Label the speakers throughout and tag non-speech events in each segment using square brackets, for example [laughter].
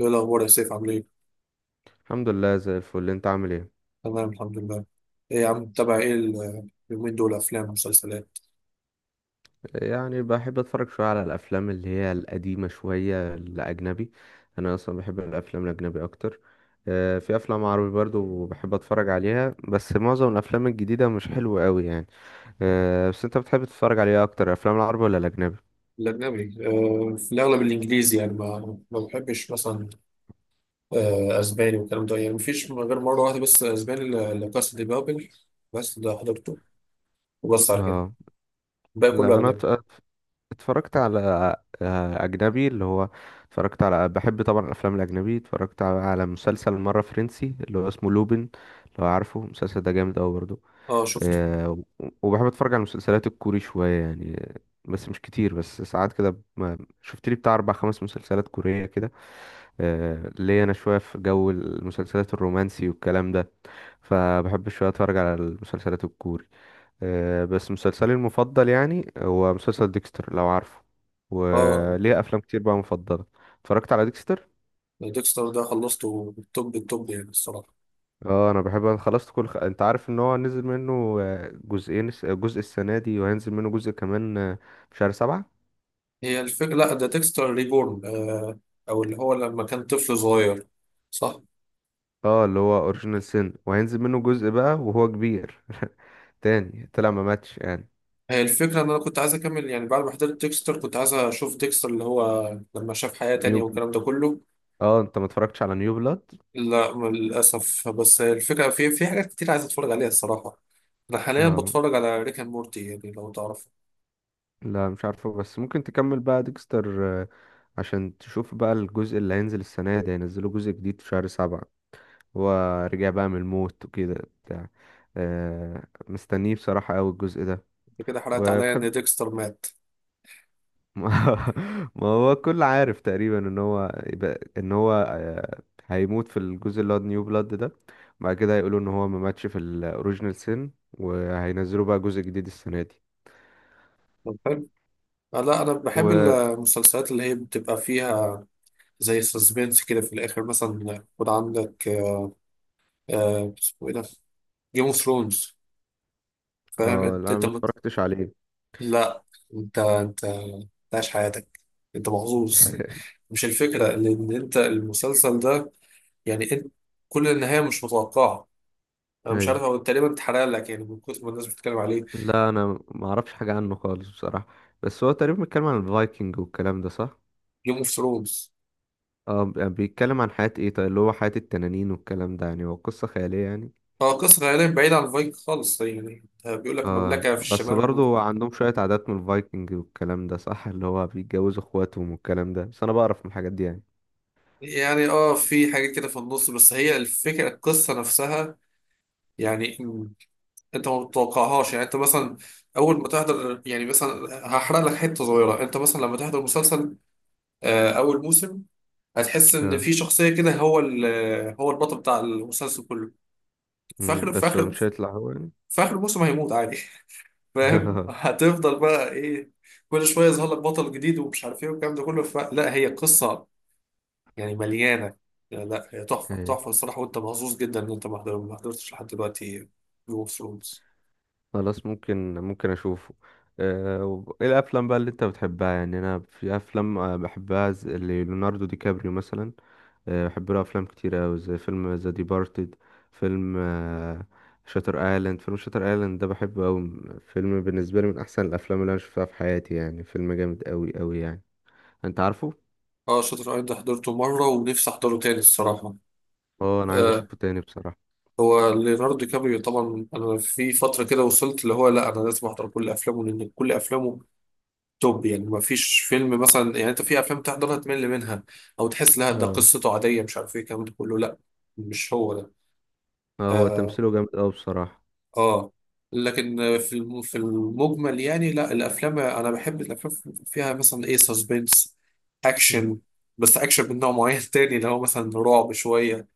Speaker 1: ايه الاخبار يا سيف؟ عامل ايه؟
Speaker 2: الحمد لله زي الفل، انت عامل ايه؟
Speaker 1: تمام، الحمد لله. ايه يا عم، متابع ايه اليومين دول افلام ومسلسلات؟
Speaker 2: يعني بحب اتفرج شويه على الافلام اللي هي القديمه شويه الاجنبي. انا اصلا بحب الافلام الاجنبي اكتر. في افلام عربي برضو بحب اتفرج عليها، بس معظم الافلام الجديده مش حلوه قوي يعني. بس انت بتحب تتفرج عليها اكتر، الافلام العربي ولا الاجنبي؟
Speaker 1: الاجنبي، آه في الاغلب الانجليزي يعني ما بحبش مثلا آه اسباني والكلام ده، يعني مفيش غير مره واحده بس اسباني لكاس دي بابل. بس ده حضرته وبس، على كده
Speaker 2: اه،
Speaker 1: الباقي كله
Speaker 2: لا انا
Speaker 1: اجنبي.
Speaker 2: اتفرجت على اجنبي اللي هو، اتفرجت على، بحب طبعا الافلام الاجنبي، اتفرجت على مسلسل مره فرنسي اللي هو اسمه لوبين، لو عارفه المسلسل ده، جامد قوي برضو.
Speaker 1: اه شفته.
Speaker 2: آه، وبحب اتفرج على المسلسلات الكوري شوية يعني، بس مش كتير، بس ساعات كده شفت لي بتاع اربع خمس مسلسلات كورية كده. ليا انا شوية في جو المسلسلات الرومانسي والكلام ده، فبحب شوية اتفرج على المسلسلات الكوري. بس مسلسلي المفضل يعني هو مسلسل ديكستر، لو عارفه،
Speaker 1: اه،
Speaker 2: وليه افلام كتير بقى مفضلة. اتفرجت على ديكستر.
Speaker 1: ديكستر ده خلصته بالتوب التوب يعني الصراحه.
Speaker 2: اه انا بحب، انا خلصت كل انت عارف ان هو نزل منه جزئين، جزء السنه دي وهينزل منه جزء كمان في شهر سبعة.
Speaker 1: هي الفكره، لا ده ديكستر ريبورن آه، او اللي هو لما كان طفل صغير. صح.
Speaker 2: اه اللي هو اوريجينال سين، وهينزل منه جزء بقى وهو كبير تاني. طلع ما ماتش يعني.
Speaker 1: هي الفكرة إن أنا كنت عايز أكمل، يعني بعد ما حضرت ديكستر كنت عايز أشوف ديكستر اللي هو لما شاف حياة
Speaker 2: نيو
Speaker 1: تانية
Speaker 2: بل...
Speaker 1: والكلام ده كله.
Speaker 2: اه انت ما اتفرجتش على نيو بلاد؟
Speaker 1: لا للأسف، بس الفكرة في حاجات كتير عايز أتفرج عليها الصراحة. أنا حاليا
Speaker 2: اه
Speaker 1: بتفرج على ريك أند مورتي، يعني لو تعرف.
Speaker 2: لا مش عارفه، بس ممكن تكمل بقى ديكستر عشان تشوف بقى الجزء اللي هينزل السنه دي، هينزلوا جزء جديد في شهر سبعة. هو رجع بقى من الموت وكده، بتاع، مستنيه بصراحه قوي الجزء ده.
Speaker 1: أنت كده حرقت عليا إن
Speaker 2: وبتحب.
Speaker 1: ديكستر مات.
Speaker 2: [laughs] ما هو كل عارف تقريبا ان هو يبقى ان هو هيموت في الجزء اللي هو نيو بلاد ده، بعد كده هيقولوا ان هو ما ماتش في الاوريجينال سين وهينزلوا بقى جزء جديد السنه دي.
Speaker 1: طب حلو. لا أنا بحب
Speaker 2: و
Speaker 1: المسلسلات اللي هي بتبقى فيها زي سسبنس كده، في الآخر مثلا يكون عندك اسمه إيه ده، جيم أوف ثرونز، فاهم
Speaker 2: اه
Speaker 1: أنت؟
Speaker 2: لا ما اتفرجتش عليه.
Speaker 1: لا، انت انت عايش حياتك، انت محظوظ.
Speaker 2: [laughs]
Speaker 1: مش الفكرة، لان انت المسلسل ده يعني انت كل النهاية مش متوقعة. انا مش
Speaker 2: ايوه،
Speaker 1: عارف، هو تقريبا اتحرق لك يعني من كتر ما الناس بتتكلم عليه.
Speaker 2: لا انا ما اعرفش حاجه عنه خالص بصراحه، بس هو تقريبا بيتكلم عن الفايكنج والكلام ده، صح؟
Speaker 1: جيم اوف ثرونز.
Speaker 2: اه بيتكلم عن حياه ايه طيب، اللي هو حياه التنانين والكلام ده، يعني هو قصه خياليه يعني.
Speaker 1: اه قصة خيالية بعيدة عن فايك خالص، يعني ده بيقول لك
Speaker 2: آه
Speaker 1: مملكة في
Speaker 2: بس
Speaker 1: الشمال
Speaker 2: برضو عندهم شوية عادات من الفايكنج والكلام ده، صح؟ اللي هو بيتجوزوا اخواتهم والكلام ده، بس انا بعرف من الحاجات دي يعني.
Speaker 1: يعني اه في حاجات كده في النص، بس هي الفكرة القصة نفسها يعني انت ما بتتوقعهاش. يعني انت مثلا اول ما تحضر، يعني مثلا هحرق لك حتة صغيرة، انت مثلا لما تحضر مسلسل اول موسم، هتحس ان
Speaker 2: اه.
Speaker 1: في شخصيه كده هو هو البطل بتاع المسلسل كله، في
Speaker 2: مم،
Speaker 1: اخر في
Speaker 2: بس
Speaker 1: اخر
Speaker 2: مش هيطلع هو يعني.
Speaker 1: في اخر الموسم هيموت عادي. [laughs] فاهم؟
Speaker 2: [laughs]
Speaker 1: هتفضل بقى ايه، كل شويه يظهر لك بطل جديد ومش عارف ايه والكلام ده كله. لا هي قصه يعني مليانه. لا، هي تحفه
Speaker 2: إيه،
Speaker 1: تحفه الصراحه، وانت محظوظ جدا ان انت ما حضرتش لحد دلوقتي جيم اوف ثرونز.
Speaker 2: خلاص، ممكن اشوفه. ايه الافلام بقى اللي انت بتحبها يعني؟ انا في افلام بحبها زي اللي ليوناردو دي كابريو مثلا. بحب له افلام كتير اوي زي فيلم ذا ديبارتد، فيلم شاتر ايلاند. فيلم شاتر ايلاند ده بحبه اوي، فيلم بالنسبه لي من احسن الافلام اللي انا شفتها في حياتي يعني، فيلم جامد اوي اوي يعني، انت عارفه.
Speaker 1: اه شاطر ايضا حضرته مره ونفسي احضره تاني الصراحه.
Speaker 2: اه انا عايز
Speaker 1: آه،
Speaker 2: اشوفه تاني بصراحه.
Speaker 1: هو ليوناردو دي كابريو، طبعا انا في فتره كده وصلت اللي هو لا انا لازم احضر كل افلامه، لان كل افلامه توب يعني، ما فيش فيلم مثلا يعني انت في افلام تحضرها تمل منها او تحس لا ده
Speaker 2: اه.
Speaker 1: قصته عاديه مش عارف ايه الكلام ده كله، لا مش هو ده.
Speaker 2: اه هو
Speaker 1: اه,
Speaker 2: تمثيله جامد اوي بصراحه.
Speaker 1: آه. لكن في في المجمل يعني، لا الافلام، انا بحب الافلام فيها مثلا ايه، سسبنس،
Speaker 2: مم.
Speaker 1: اكشن، بس اكشن من نوع معين تاني اللي هو مثلا رعب شويه،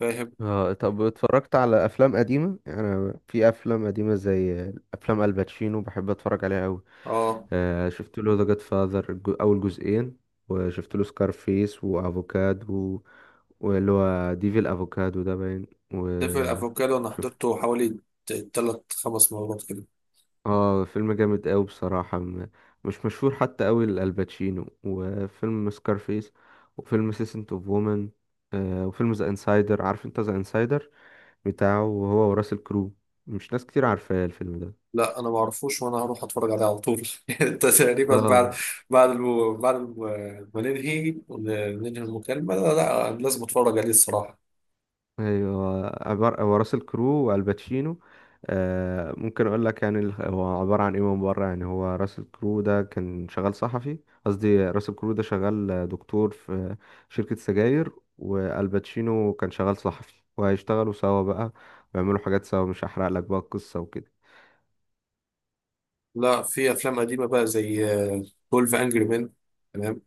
Speaker 1: فاهم؟
Speaker 2: اه طب اتفرجت على افلام قديمه؟ يعني انا في افلام قديمه زي افلام الباتشينو بحب اتفرج عليها اوي.
Speaker 1: اه
Speaker 2: شفت له ذا جاد فاذر اول جزئين، وشفت له سكارفيس وافوكادو، واللي هو ديفل افوكادو ده باين،
Speaker 1: دافع الافوكادو انا
Speaker 2: وشفت.
Speaker 1: حضرته حوالي تلات خمس مرات كده.
Speaker 2: اه فيلم جامد قوي بصراحة، مش مشهور حتى قوي لالباتشينو. وفيلم سكارفيس، وفيلم سيسنت اوف وومن، وفيلم ذا انسايدر. عارف انت ذا انسايدر؟ بتاعه هو وراسل كرو، مش ناس كتير عارفاه الفيلم ده.
Speaker 1: لا انا ما اعرفوش، وانا هروح اتفرج عليه على طول. [laughs] انت تقريبا
Speaker 2: اه
Speaker 1: بعد بعد الم... بعد الم... ما ننهي ون- ننهي المكالمه، لا, لا لازم اتفرج عليه الصراحه.
Speaker 2: ايوه، عبارة هو راس الكرو والباتشينو. آه ممكن اقول لك يعني، هو عبارة عن ايه من بره يعني، هو راس الكرو ده كان شغال صحفي، قصدي راس الكرو ده شغال دكتور في شركة سجاير، والباتشينو كان شغال صحفي، وهيشتغلوا سوا بقى، ويعملوا حاجات سوا. مش هحرق لك بقى القصة وكده.
Speaker 1: لا، في افلام قديمه بقى زي 12 انجري مان، تمام.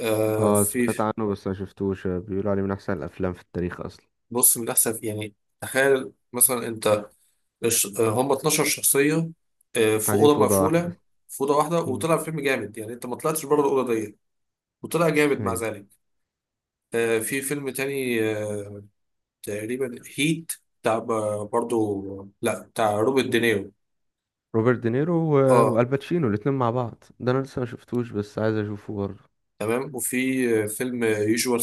Speaker 1: آه
Speaker 2: اه
Speaker 1: في.
Speaker 2: سمعت عنه بس ما شفتوش، بيقولوا عليه من احسن الافلام في التاريخ اصلا.
Speaker 1: بص من احسن يعني، تخيل مثلا انت هم 12 شخصيه في
Speaker 2: قاعدين في
Speaker 1: اوضه
Speaker 2: اوضة
Speaker 1: مقفوله،
Speaker 2: واحدة.
Speaker 1: في اوضه واحده
Speaker 2: مم.
Speaker 1: وطلع فيلم جامد، يعني انت ما طلعتش بره الاوضه دي وطلع جامد مع
Speaker 2: أيوة.
Speaker 1: ذلك. في فيلم تاني تقريبا هيت، بتاع برضو، لا بتاع روبرت دينيرو.
Speaker 2: روبرت دينيرو
Speaker 1: اه
Speaker 2: والباتشينو الاتنين مع بعض، ده انا لسه ما شفتوش، بس عايز اشوفه برضه.
Speaker 1: تمام. وفي فيلم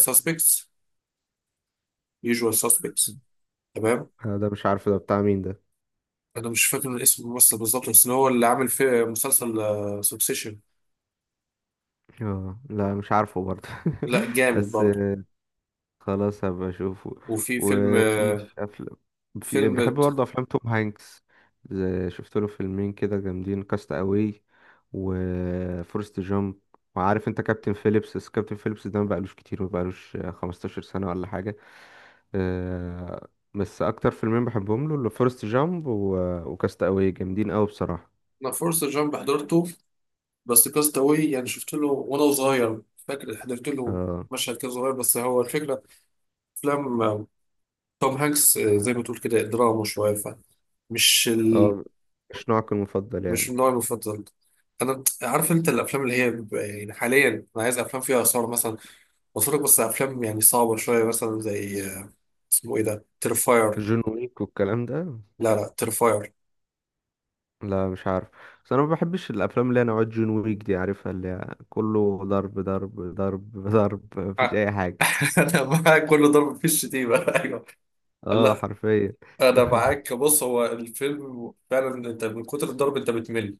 Speaker 1: ساسبكتس يوجوال ساسبكتس، تمام.
Speaker 2: ده مش عارف ده بتاع مين ده.
Speaker 1: انا مش فاكر اسم الممثل بالظبط، بس هو اللي عامل في مسلسل سوكسيشن.
Speaker 2: اه لا مش عارفه برضه.
Speaker 1: لا
Speaker 2: [laughs]
Speaker 1: جامد
Speaker 2: بس
Speaker 1: برضه.
Speaker 2: خلاص، هبقى اشوفه.
Speaker 1: وفي فيلم
Speaker 2: وفي افلام. في بحب
Speaker 1: فيلم.
Speaker 2: برضه افلام توم هانكس، زي، شفت له فيلمين كده جامدين، كاست اواي وفورست جامب. وعارف انت كابتن فيليبس؟ بس كابتن فيليبس ده ما بقالوش كتير، ما بقالوش 15 سنة ولا حاجة. آه، بس اكتر فيلمين بحبهم له اللي فورست جامب وكاست اواي، جامدين قوي بصراحه.
Speaker 1: انا فورست جامب حضرته، بس كاستاوي يعني شفت له وانا صغير، فاكر حضرت له
Speaker 2: اه.
Speaker 1: مشهد كده صغير. بس هو الفكره افلام توم هانكس زي ما تقول كده دراما شوية، فمش ال...
Speaker 2: اه مش نوعك المفضل
Speaker 1: مش
Speaker 2: يعني.
Speaker 1: النوع المفضل. انا عارف انت الافلام اللي هي بيبقى يعني حاليا انا عايز افلام فيها اثار مثلا، بتفرج بس افلام يعني صعبه شويه، مثلا زي اسمه ايه ده، ترفاير.
Speaker 2: جون ويك والكلام ده.
Speaker 1: لا لا، ترفاير.
Speaker 2: لا مش عارف، بس انا ما بحبش الافلام اللي هي نوعات جون ويك دي، عارفها، اللي هي كله ضرب ضرب ضرب [laughs] ضرب، مفيش اي حاجه.
Speaker 1: [laughs] انا معاك، كل ضرب في الشتيمه. [laughs] ايوه.
Speaker 2: اه
Speaker 1: لا
Speaker 2: حرفيا.
Speaker 1: انا
Speaker 2: [laughs]
Speaker 1: معاك، بص هو الفيلم فعلا انت من كتر الضرب انت بتمل،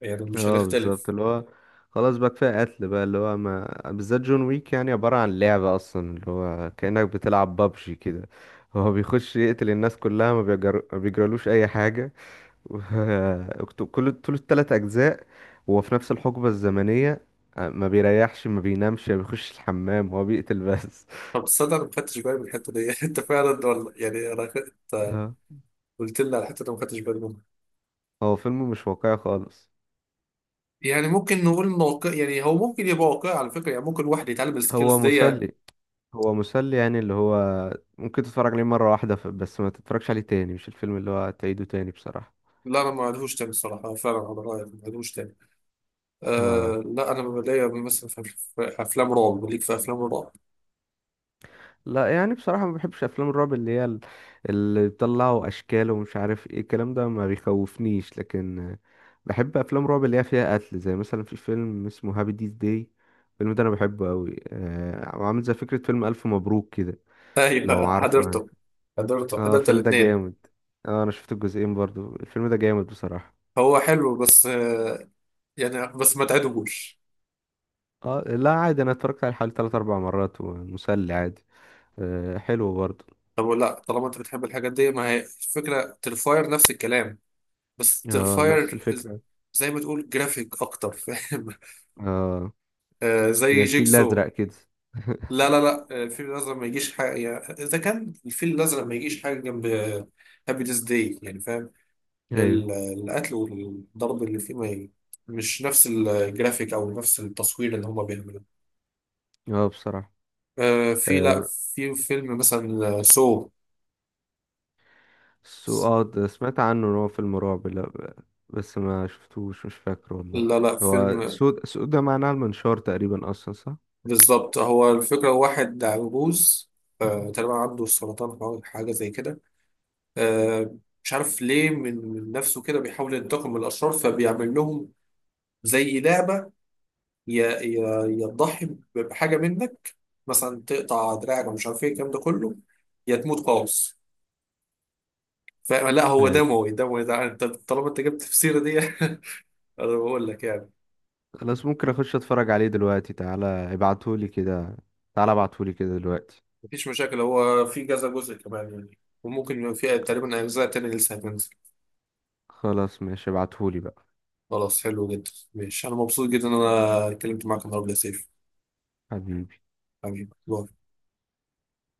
Speaker 1: يعني مش
Speaker 2: اه بالظبط،
Speaker 1: هنختلف.
Speaker 2: اللي هو خلاص بقى كفايه قتل بقى، اللي هو ما بالذات جون ويك يعني عباره عن لعبه اصلا، اللي هو كانك بتلعب بابجي كده، هو بيخش يقتل الناس كلها، ما ما بيجرالوش اي حاجه. [laughs] و كل طول الثلاث اجزاء هو في نفس الحقبه الزمنيه، ما بيريحش ما بينامش ما بيخش الحمام، هو بيقتل بس.
Speaker 1: طب صدق انا ما خدتش بالي من الحته دي، [laughs] انت فعلا، ولا يعني انا
Speaker 2: [laughs] اه.
Speaker 1: قلت لي على الحته دي، ما خدتش بالي.
Speaker 2: هو فيلم مش واقعي خالص.
Speaker 1: يعني ممكن نقول واقع، يعني هو ممكن يبقى واقعي على فكره، يعني ممكن واحد يتعلم
Speaker 2: هو
Speaker 1: السكيلز دي.
Speaker 2: مسلي، هو مسلي يعني اللي هو ممكن تتفرج عليه مرة واحدة، بس ما تتفرجش عليه تاني، مش الفيلم اللي هو تعيده تاني بصراحة.
Speaker 1: لا انا ما عندهوش تاني الصراحه، فعلا على رايك ما عندهوش تاني.
Speaker 2: اه.
Speaker 1: آه لا انا بلاقي مثلا في افلام رعب، ليك في افلام الرعب.
Speaker 2: لا يعني بصراحة ما بحبش أفلام الرعب اللي هي اللي بيطلعوا أشكال ومش عارف ايه الكلام ده، ما بيخوفنيش. لكن بحب أفلام رعب اللي هي فيها قتل، زي مثلا في فيلم اسمه هابي ديز داي. الفيلم ده أنا بحبه أوي، آه عامل زي فكرة فيلم ألف مبروك كده،
Speaker 1: [laughs]
Speaker 2: لو
Speaker 1: ايوه
Speaker 2: عارفه يعني.
Speaker 1: حضرته، حضرته
Speaker 2: اه
Speaker 1: حضرت
Speaker 2: الفيلم ده
Speaker 1: الاثنين.
Speaker 2: جامد. اه أنا شفت الجزئين برضو، الفيلم ده جامد بصراحة.
Speaker 1: هو حلو بس آه، يعني بس ما تعدهوش.
Speaker 2: اه لا عادي، انا اتفرجت عليه حوالي تلات اربع مرات، ومسلي عادي. آه حلو برضه.
Speaker 1: طب لا طالما انت بتحب الحاجات دي، ما هي الفكره ترفاير نفس الكلام، بس
Speaker 2: اه نفس
Speaker 1: ترفاير
Speaker 2: الفكرة.
Speaker 1: زي ما تقول جرافيك اكتر، فاهم؟
Speaker 2: اه
Speaker 1: [laughs] آه زي
Speaker 2: زي الفيل
Speaker 1: جيكسو.
Speaker 2: الازرق كده. [laughs]
Speaker 1: لا، الفيل الأزرق ما يجيش حاجة، يعني إذا كان الفيل الأزرق ما يجيش حاجة جنب هابي ديز داي يعني، فاهم؟
Speaker 2: ايوه.
Speaker 1: القتل والضرب اللي فيه ما ي- مش نفس الجرافيك أو نفس التصوير اللي هما بيعملوه.
Speaker 2: اه بصراحة.
Speaker 1: في، لا
Speaker 2: آه
Speaker 1: في فيلم مثلا سو.
Speaker 2: سو. اه ده سمعت عنه ان هو فيلم رعب، لا بس ما شفتوش، مش فاكر والله.
Speaker 1: لا لا
Speaker 2: هو
Speaker 1: فيلم.
Speaker 2: سود، سود ده معناه المنشار تقريبا اصلا، صح؟
Speaker 1: بالظبط، هو الفكرة واحد عجوز تقريبا عنده سرطان أو حاجة زي كده، آه، مش عارف ليه، من نفسه كده بيحاول ينتقم من الأشرار، فبيعمل لهم زي لعبة، يا تضحي بحاجه منك، مثلا تقطع دراعك ومش عارف ايه الكلام ده كله، يا تموت قوس. فلا هو
Speaker 2: ايوه
Speaker 1: دموي دموي ده، انت طالما انت جبت في السيره دي [laughs] انا بقول لك يعني.
Speaker 2: خلاص ممكن اخش اتفرج عليه دلوقتي، تعالى ابعتهولي كده، تعالى ابعتهولي كده دلوقتي.
Speaker 1: مفيش مشاكل، هو في كذا جزء كمان يعني، وممكن يبقى في تقريبا اجزاء تانية لسه هتنزل.
Speaker 2: خلاص ماشي ابعتهولي بقى.
Speaker 1: خلاص، حلو جدا ماشي، انا مبسوط جدا ان انا اتكلمت معاك النهارده يا سيف.
Speaker 2: حبيبي.
Speaker 1: حبيبي باي.